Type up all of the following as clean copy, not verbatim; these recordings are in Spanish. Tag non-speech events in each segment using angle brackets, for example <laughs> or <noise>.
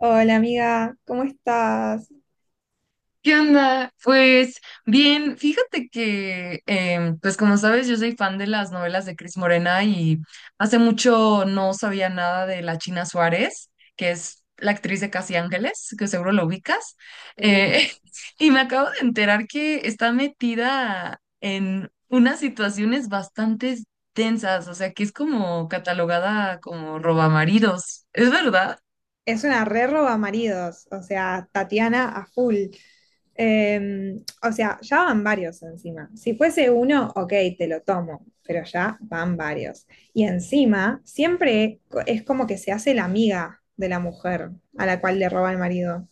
Hola amiga, ¿cómo estás? ¿Qué onda? Pues bien, fíjate que, pues como sabes, yo soy fan de las novelas de Cris Morena y hace mucho no sabía nada de la China Suárez, que es la actriz de Casi Ángeles, que seguro lo ubicas. Sí. Eh, <laughs> y me acabo de enterar que está metida en unas situaciones bastante tensas, o sea, que es como catalogada como robamaridos, ¿es verdad? Es una re roba maridos, o sea, Tatiana a full. O sea, ya van varios encima. Si fuese uno, ok, te lo tomo, pero ya van varios. Y encima, siempre es como que se hace la amiga de la mujer a la cual le roba el marido.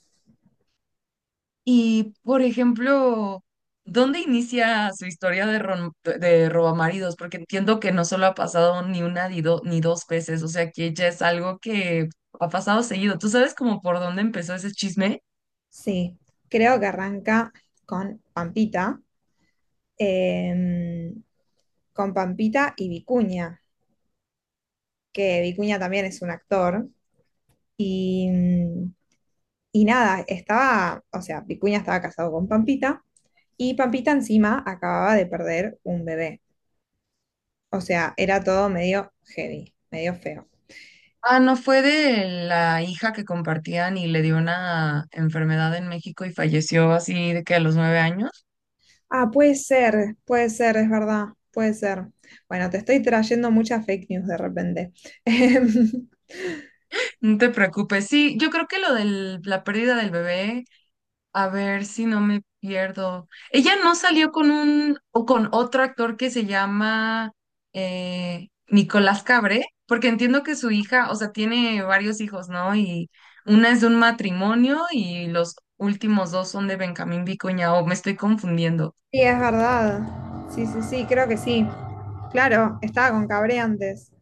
Y, por ejemplo, ¿dónde inicia su historia de robamaridos? Porque entiendo que no solo ha pasado ni una ni dos veces, o sea que ya es algo que ha pasado seguido. ¿Tú sabes como por dónde empezó ese chisme? Sí, creo que arranca con eh, Pampita y Vicuña, que Vicuña también es un actor. Y, mm, y nada, estaba, o sea, Vicuña estaba casado con Pampita y Pampita encima acababa de perder un bebé. O sea, era todo medio heavy, medio feo. Ah, no, fue de la hija que compartían y le dio una enfermedad en México y falleció así de que a los 9 años. Ah, puede ser, es verdad, puede ser. Bueno, te estoy trayendo muchas fake news de repente. <laughs> No te preocupes. Sí, yo creo que lo de la pérdida del bebé. A ver si no me pierdo. Ella no salió con un o con otro actor que se llama Nicolás Cabré, porque entiendo que su hija, o sea, tiene varios hijos, ¿no? Y una es de un matrimonio y los últimos dos son de Benjamín Vicuña, o me estoy confundiendo. Sí, es verdad. Sí, sí, sí, creo que sí. Claro, estaba con Cabre antes.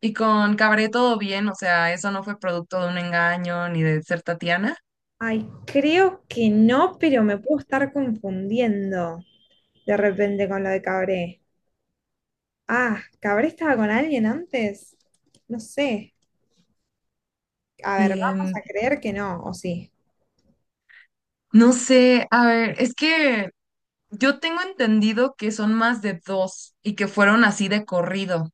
Y con Cabré todo bien, o sea, eso no fue producto de un engaño ni de ser Tatiana. Ay, creo que no, pero me puedo estar confundiendo de repente con lo de Cabré. Ah, ¿Cabré estaba con alguien antes? No sé. A ver, Y vamos a creer que no, o sí. no sé, a ver, es que yo tengo entendido que son más de dos y que fueron así de corrido.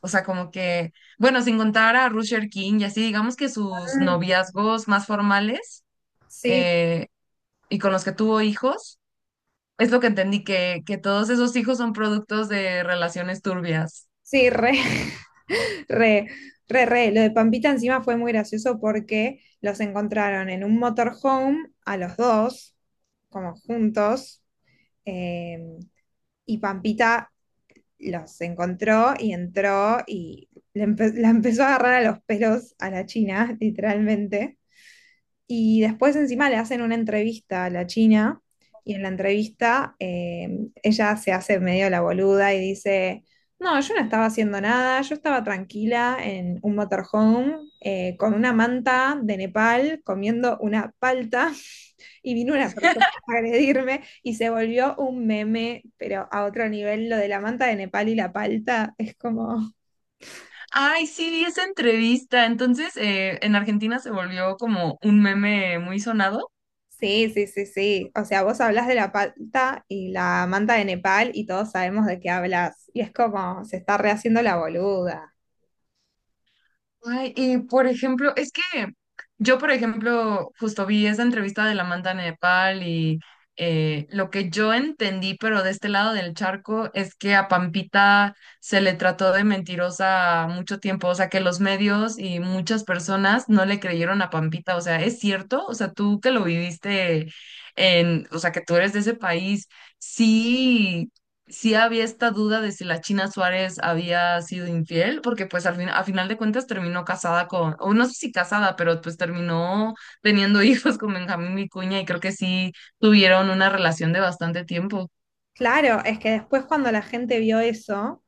O sea, como que, bueno, sin contar a Rusher King y así, digamos que sus Mm. noviazgos más formales, Sí, eh, y con los que tuvo hijos, es lo que entendí, que todos esos hijos son productos de relaciones turbias. sí, re, <laughs> re, re, re. Lo de Pampita encima fue muy gracioso porque los encontraron en un motorhome a los dos, como juntos, eh, y Pampita los encontró y entró y la empezó a agarrar a los pelos a la China, <laughs> literalmente. Y después encima le hacen una entrevista a la China y en la entrevista ella se hace medio la boluda y dice, no, yo no estaba haciendo nada, yo estaba tranquila en un motorhome con una manta de Nepal comiendo una palta y vino una persona <laughs> a agredirme y se volvió un meme, pero a otro nivel, lo de la manta de Nepal y la palta es como. Ay, sí, vi esa entrevista. Entonces, en Argentina se volvió como un meme muy sonado. Sí, sí, sí, sí. O sea, vos hablas de la palta y la manta de Nepal y todos sabemos de qué hablas. Y es como, se está rehaciendo la boluda. Ay, y por ejemplo, es que yo, por ejemplo, justo vi esa entrevista de la Manta Nepal y, lo que yo entendí, pero de este lado del charco, es que a Pampita se le trató de mentirosa mucho tiempo, o sea, que los medios y muchas personas no le creyeron a Pampita, o sea, ¿es cierto? O sea, tú que lo viviste o sea, que tú eres de ese país, sí, sí había esta duda de si la China Suárez había sido infiel, porque pues al fin, a final de cuentas terminó casada con, o no sé si casada, pero pues terminó teniendo <laughs> hijos con Benjamín Vicuña y creo que sí tuvieron una relación de bastante tiempo. Claro, es que después cuando la gente vio eso,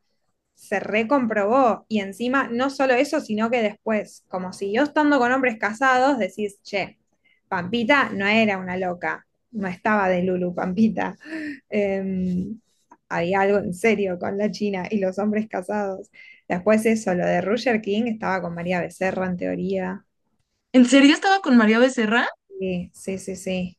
se recomprobó. Y encima, no solo eso, sino que después, como siguió estando con hombres casados, decís, che, Pampita no era una loca, no estaba de Lulu Pampita. Eh, Había algo en serio con la China y los hombres casados. Después eso, lo de Roger King estaba con María Becerra en teoría. ¿En serio estaba con María Becerra? Sí, sí, sí, sí.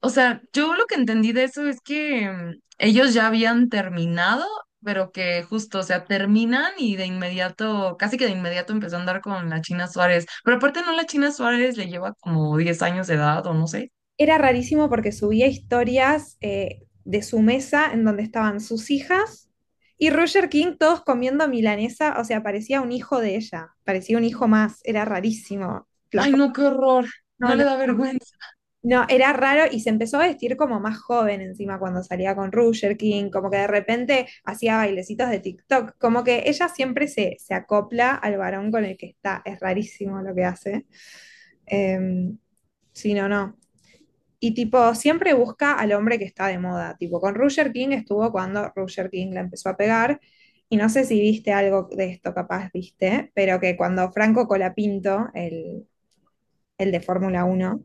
O sea, yo lo que entendí de eso es que, ellos ya habían terminado, pero que justo, o sea, terminan y de inmediato, casi que de inmediato empezó a andar con la China Suárez. Pero aparte no, la China Suárez le lleva como 10 años de edad o no sé. Era rarísimo porque subía historias de su mesa en donde estaban sus hijas y Roger King todos comiendo milanesa, o sea, parecía un hijo de ella, parecía un hijo más, era rarísimo. Ay, no, qué horror. No, No no, le da vergüenza. no, era raro y se empezó a vestir como más joven encima cuando salía con Roger King, como que de repente hacía bailecitos de TikTok, como que ella siempre se acopla al varón con el que está, es rarísimo lo que hace. Em, sí, no, no. Y tipo, siempre busca al hombre que está de moda. Tipo, con Roger King estuvo cuando Roger King la empezó a pegar. Y no sé si viste algo de esto, capaz viste, pero que cuando Franco Colapinto, el de Fórmula 1,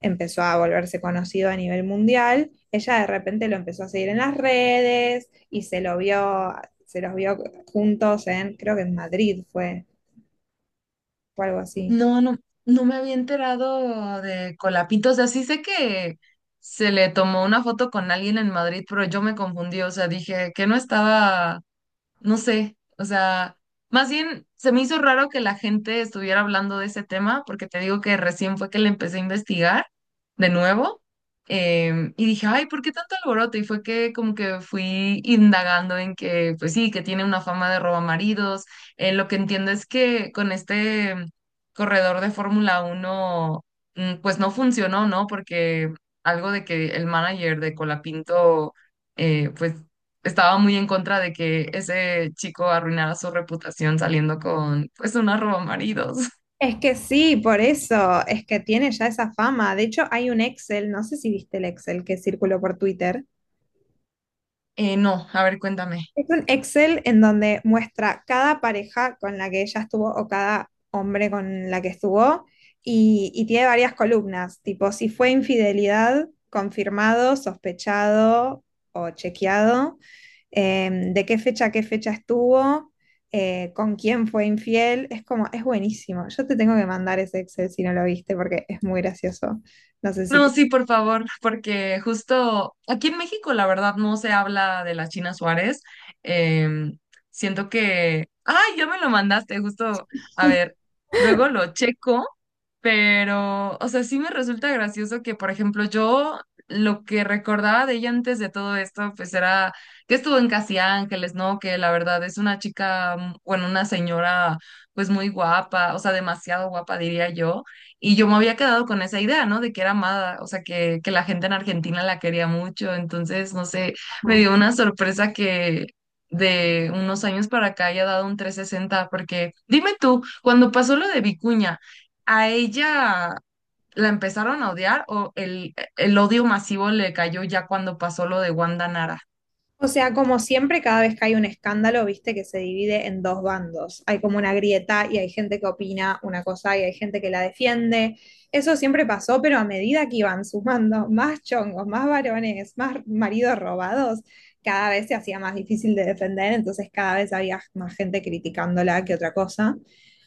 empezó a volverse conocido a nivel mundial, ella de repente lo empezó a seguir en las redes y se los vio juntos en, creo que en Madrid fue, o algo así. No, no, no me había enterado de Colapito. O sea, sí sé que se le tomó una foto con alguien en Madrid, pero yo me confundí. O sea, dije que no estaba, no sé, o sea, más bien se me hizo raro que la gente estuviera hablando de ese tema, porque te digo que recién fue que le empecé a investigar de nuevo, y dije, ay, ¿por qué tanto alboroto? Y fue que como que fui indagando en que, pues sí, que tiene una fama de robamaridos. Lo que entiendo es que con este corredor de Fórmula 1, pues no funcionó, ¿no? Porque algo de que el manager de Colapinto... pues estaba muy en contra de que ese chico arruinara su reputación saliendo con, pues, una roba maridos. <laughs> Es que sí, por eso, es que tiene ya esa fama. De hecho, hay un Excel, no sé si viste el Excel que circuló por Twitter, No, a ver, cuéntame. es un Excel en donde muestra cada pareja con la que ella estuvo o cada hombre con la que estuvo y tiene varias columnas, tipo si fue infidelidad, confirmado, sospechado o chequeado, de qué fecha a qué fecha estuvo, con quién fue infiel. Es como, es buenísimo. Yo te tengo que mandar ese Excel si no lo viste porque es muy gracioso. No sé si No, te. sí, por favor, porque justo aquí en México, la verdad, no se habla de la China Suárez. Em, siento que, ay, ya me lo mandaste, justo, a ver, luego lo checo, pero, o sea, sí me resulta gracioso que, por ejemplo, yo lo que recordaba de ella antes de todo esto, pues era que estuvo en Casi Ángeles, ¿no? Que la verdad es una chica, bueno, una señora, pues muy guapa, o sea, demasiado guapa, diría yo, y yo me había quedado con esa idea, ¿no? De que era amada, o sea, que la gente en Argentina la quería mucho. Entonces, no sé, me dio <laughs> una sorpresa que de unos años para acá haya dado un 360, porque dime tú, cuando pasó lo de Vicuña, ¿a ella la empezaron a odiar o el odio masivo le cayó ya cuando pasó lo de Wanda Nara? O sea, como siempre, cada vez que hay un escándalo, viste que se divide en dos bandos. Hay como una grieta y hay gente que opina una cosa y hay gente que la defiende. Eso siempre pasó, pero a medida que iban sumando más chongos, más varones, más maridos robados, cada vez se hacía más difícil de defender, entonces cada vez había más gente criticándola que otra cosa.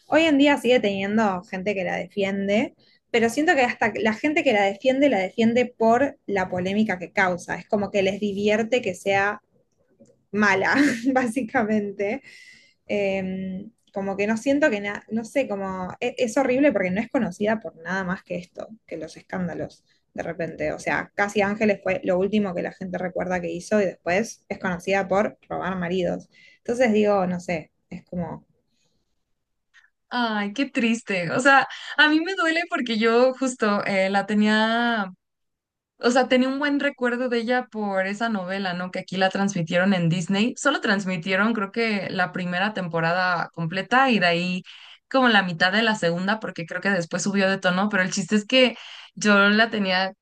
Hoy en día sigue teniendo gente que la defiende, pero siento que hasta la gente que la defiende por la polémica que causa. Es como que les divierte que sea mala, <laughs> básicamente. Eh, Como que no siento que nada, no sé, como es, horrible porque no es conocida por nada más que esto, que los escándalos, de repente. O sea, Casi Ángeles fue lo último que la gente recuerda que hizo y después es conocida por robar maridos. Entonces digo, no sé, es como, Ay, qué triste. O sea, a mí me duele porque yo justo, la tenía. O sea, tenía un buen recuerdo de ella por esa novela, ¿no? Que aquí la transmitieron en Disney. Solo transmitieron, creo que la primera temporada completa y de ahí como la mitad de la segunda, porque creo que después subió de tono, pero el chiste es que yo la tenía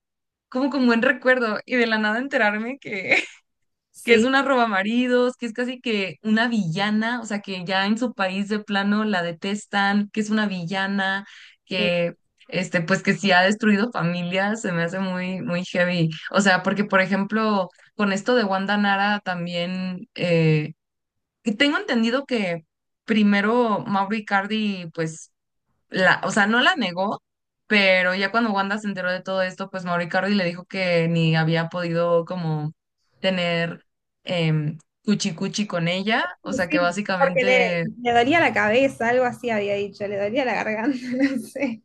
como con buen recuerdo y de la nada enterarme que es sí, una robamaridos, que es casi que una villana, o sea, que ya en su país de plano la detestan, que es una villana, sí, que este, pues que si ha destruido familias, se me hace muy, muy heavy. O sea, porque por ejemplo, con esto de Wanda Nara también, que tengo entendido que primero Mauro Icardi, pues la, o sea, no la negó, pero ya cuando Wanda se enteró de todo esto, pues Mauri Cardi le dijo que ni había podido como tener, em, cuchi cuchi con ella, o sí, sea, que sí, porque le, básicamente. le dolía la cabeza, algo así había dicho, le dolía la garganta, <laughs> no sé.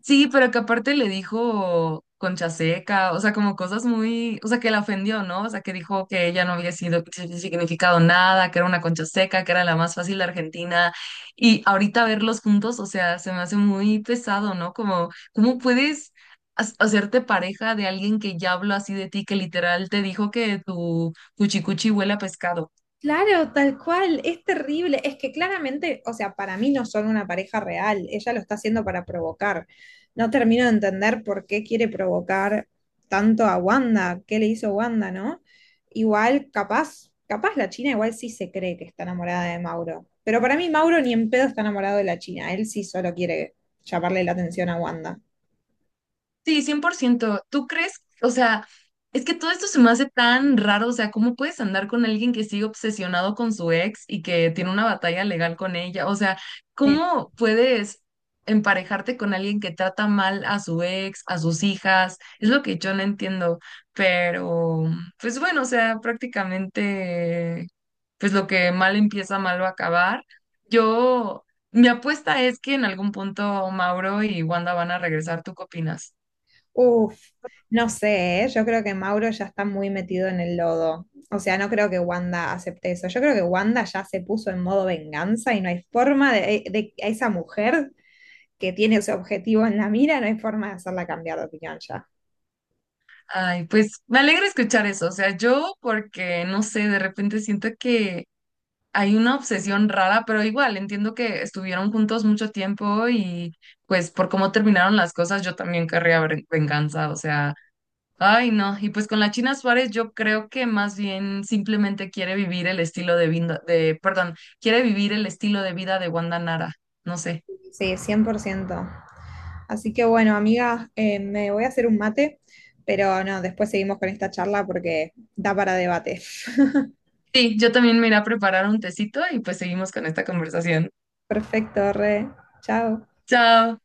Sí, pero que aparte le dijo concha seca, o sea, como cosas muy, o sea, que la ofendió, ¿no? O sea, que dijo que ella no había sido significado nada, que era una concha seca, que era la más fácil de Argentina. Y ahorita verlos juntos, o sea, se me hace muy pesado, ¿no? Como, ¿cómo puedes hacerte pareja de alguien que ya habló así de ti, que literal te dijo que tu cuchicuchi huele a pescado? Claro, tal cual, es terrible. Es que claramente, o sea, para mí no son una pareja real, ella lo está haciendo para provocar. No termino de entender por qué quiere provocar tanto a Wanda, qué le hizo Wanda, ¿no? Igual, capaz, capaz la China igual sí se cree que está enamorada de Mauro, pero para mí Mauro ni en pedo está enamorado de la China, él sí solo quiere llamarle la atención a Wanda. Sí, 100%. ¿Tú crees? O sea, es que todo esto se me hace tan raro. O sea, ¿cómo puedes andar con alguien que sigue obsesionado con su ex y que tiene una batalla legal con ella? O sea, ¿cómo puedes emparejarte con alguien que trata mal a su ex, a sus hijas? Es lo que yo no entiendo. Pero, pues bueno, o sea, prácticamente, pues lo que mal empieza, mal va a acabar. Yo, mi apuesta es que en algún punto Mauro y Wanda van a regresar. ¿Tú qué opinas? Uf, no sé, ¿eh? Yo creo que Mauro ya está muy metido en el lodo. O sea, no creo que Wanda acepte eso. Yo creo que Wanda ya se puso en modo venganza y no hay forma de, a esa mujer que tiene ese objetivo en la mira, no hay forma de hacerla cambiar de opinión ya. Ay, pues me alegra escuchar eso. O sea, yo porque, no sé, de repente siento que hay una obsesión rara, pero igual entiendo que estuvieron juntos mucho tiempo y pues por cómo terminaron las cosas, yo también querría venganza. O sea, ay, no. Y pues con la China Suárez yo creo que más bien simplemente quiere vivir el estilo de vida, perdón, quiere vivir el estilo de vida de Wanda Nara. No sé. Sí, 100%. Así que bueno, amiga, me voy a hacer un mate, pero no, después seguimos con esta charla porque da para debate. <laughs> Sí, yo también me iré a preparar un tecito y pues seguimos con esta conversación. Perfecto, re. Chao. Chao.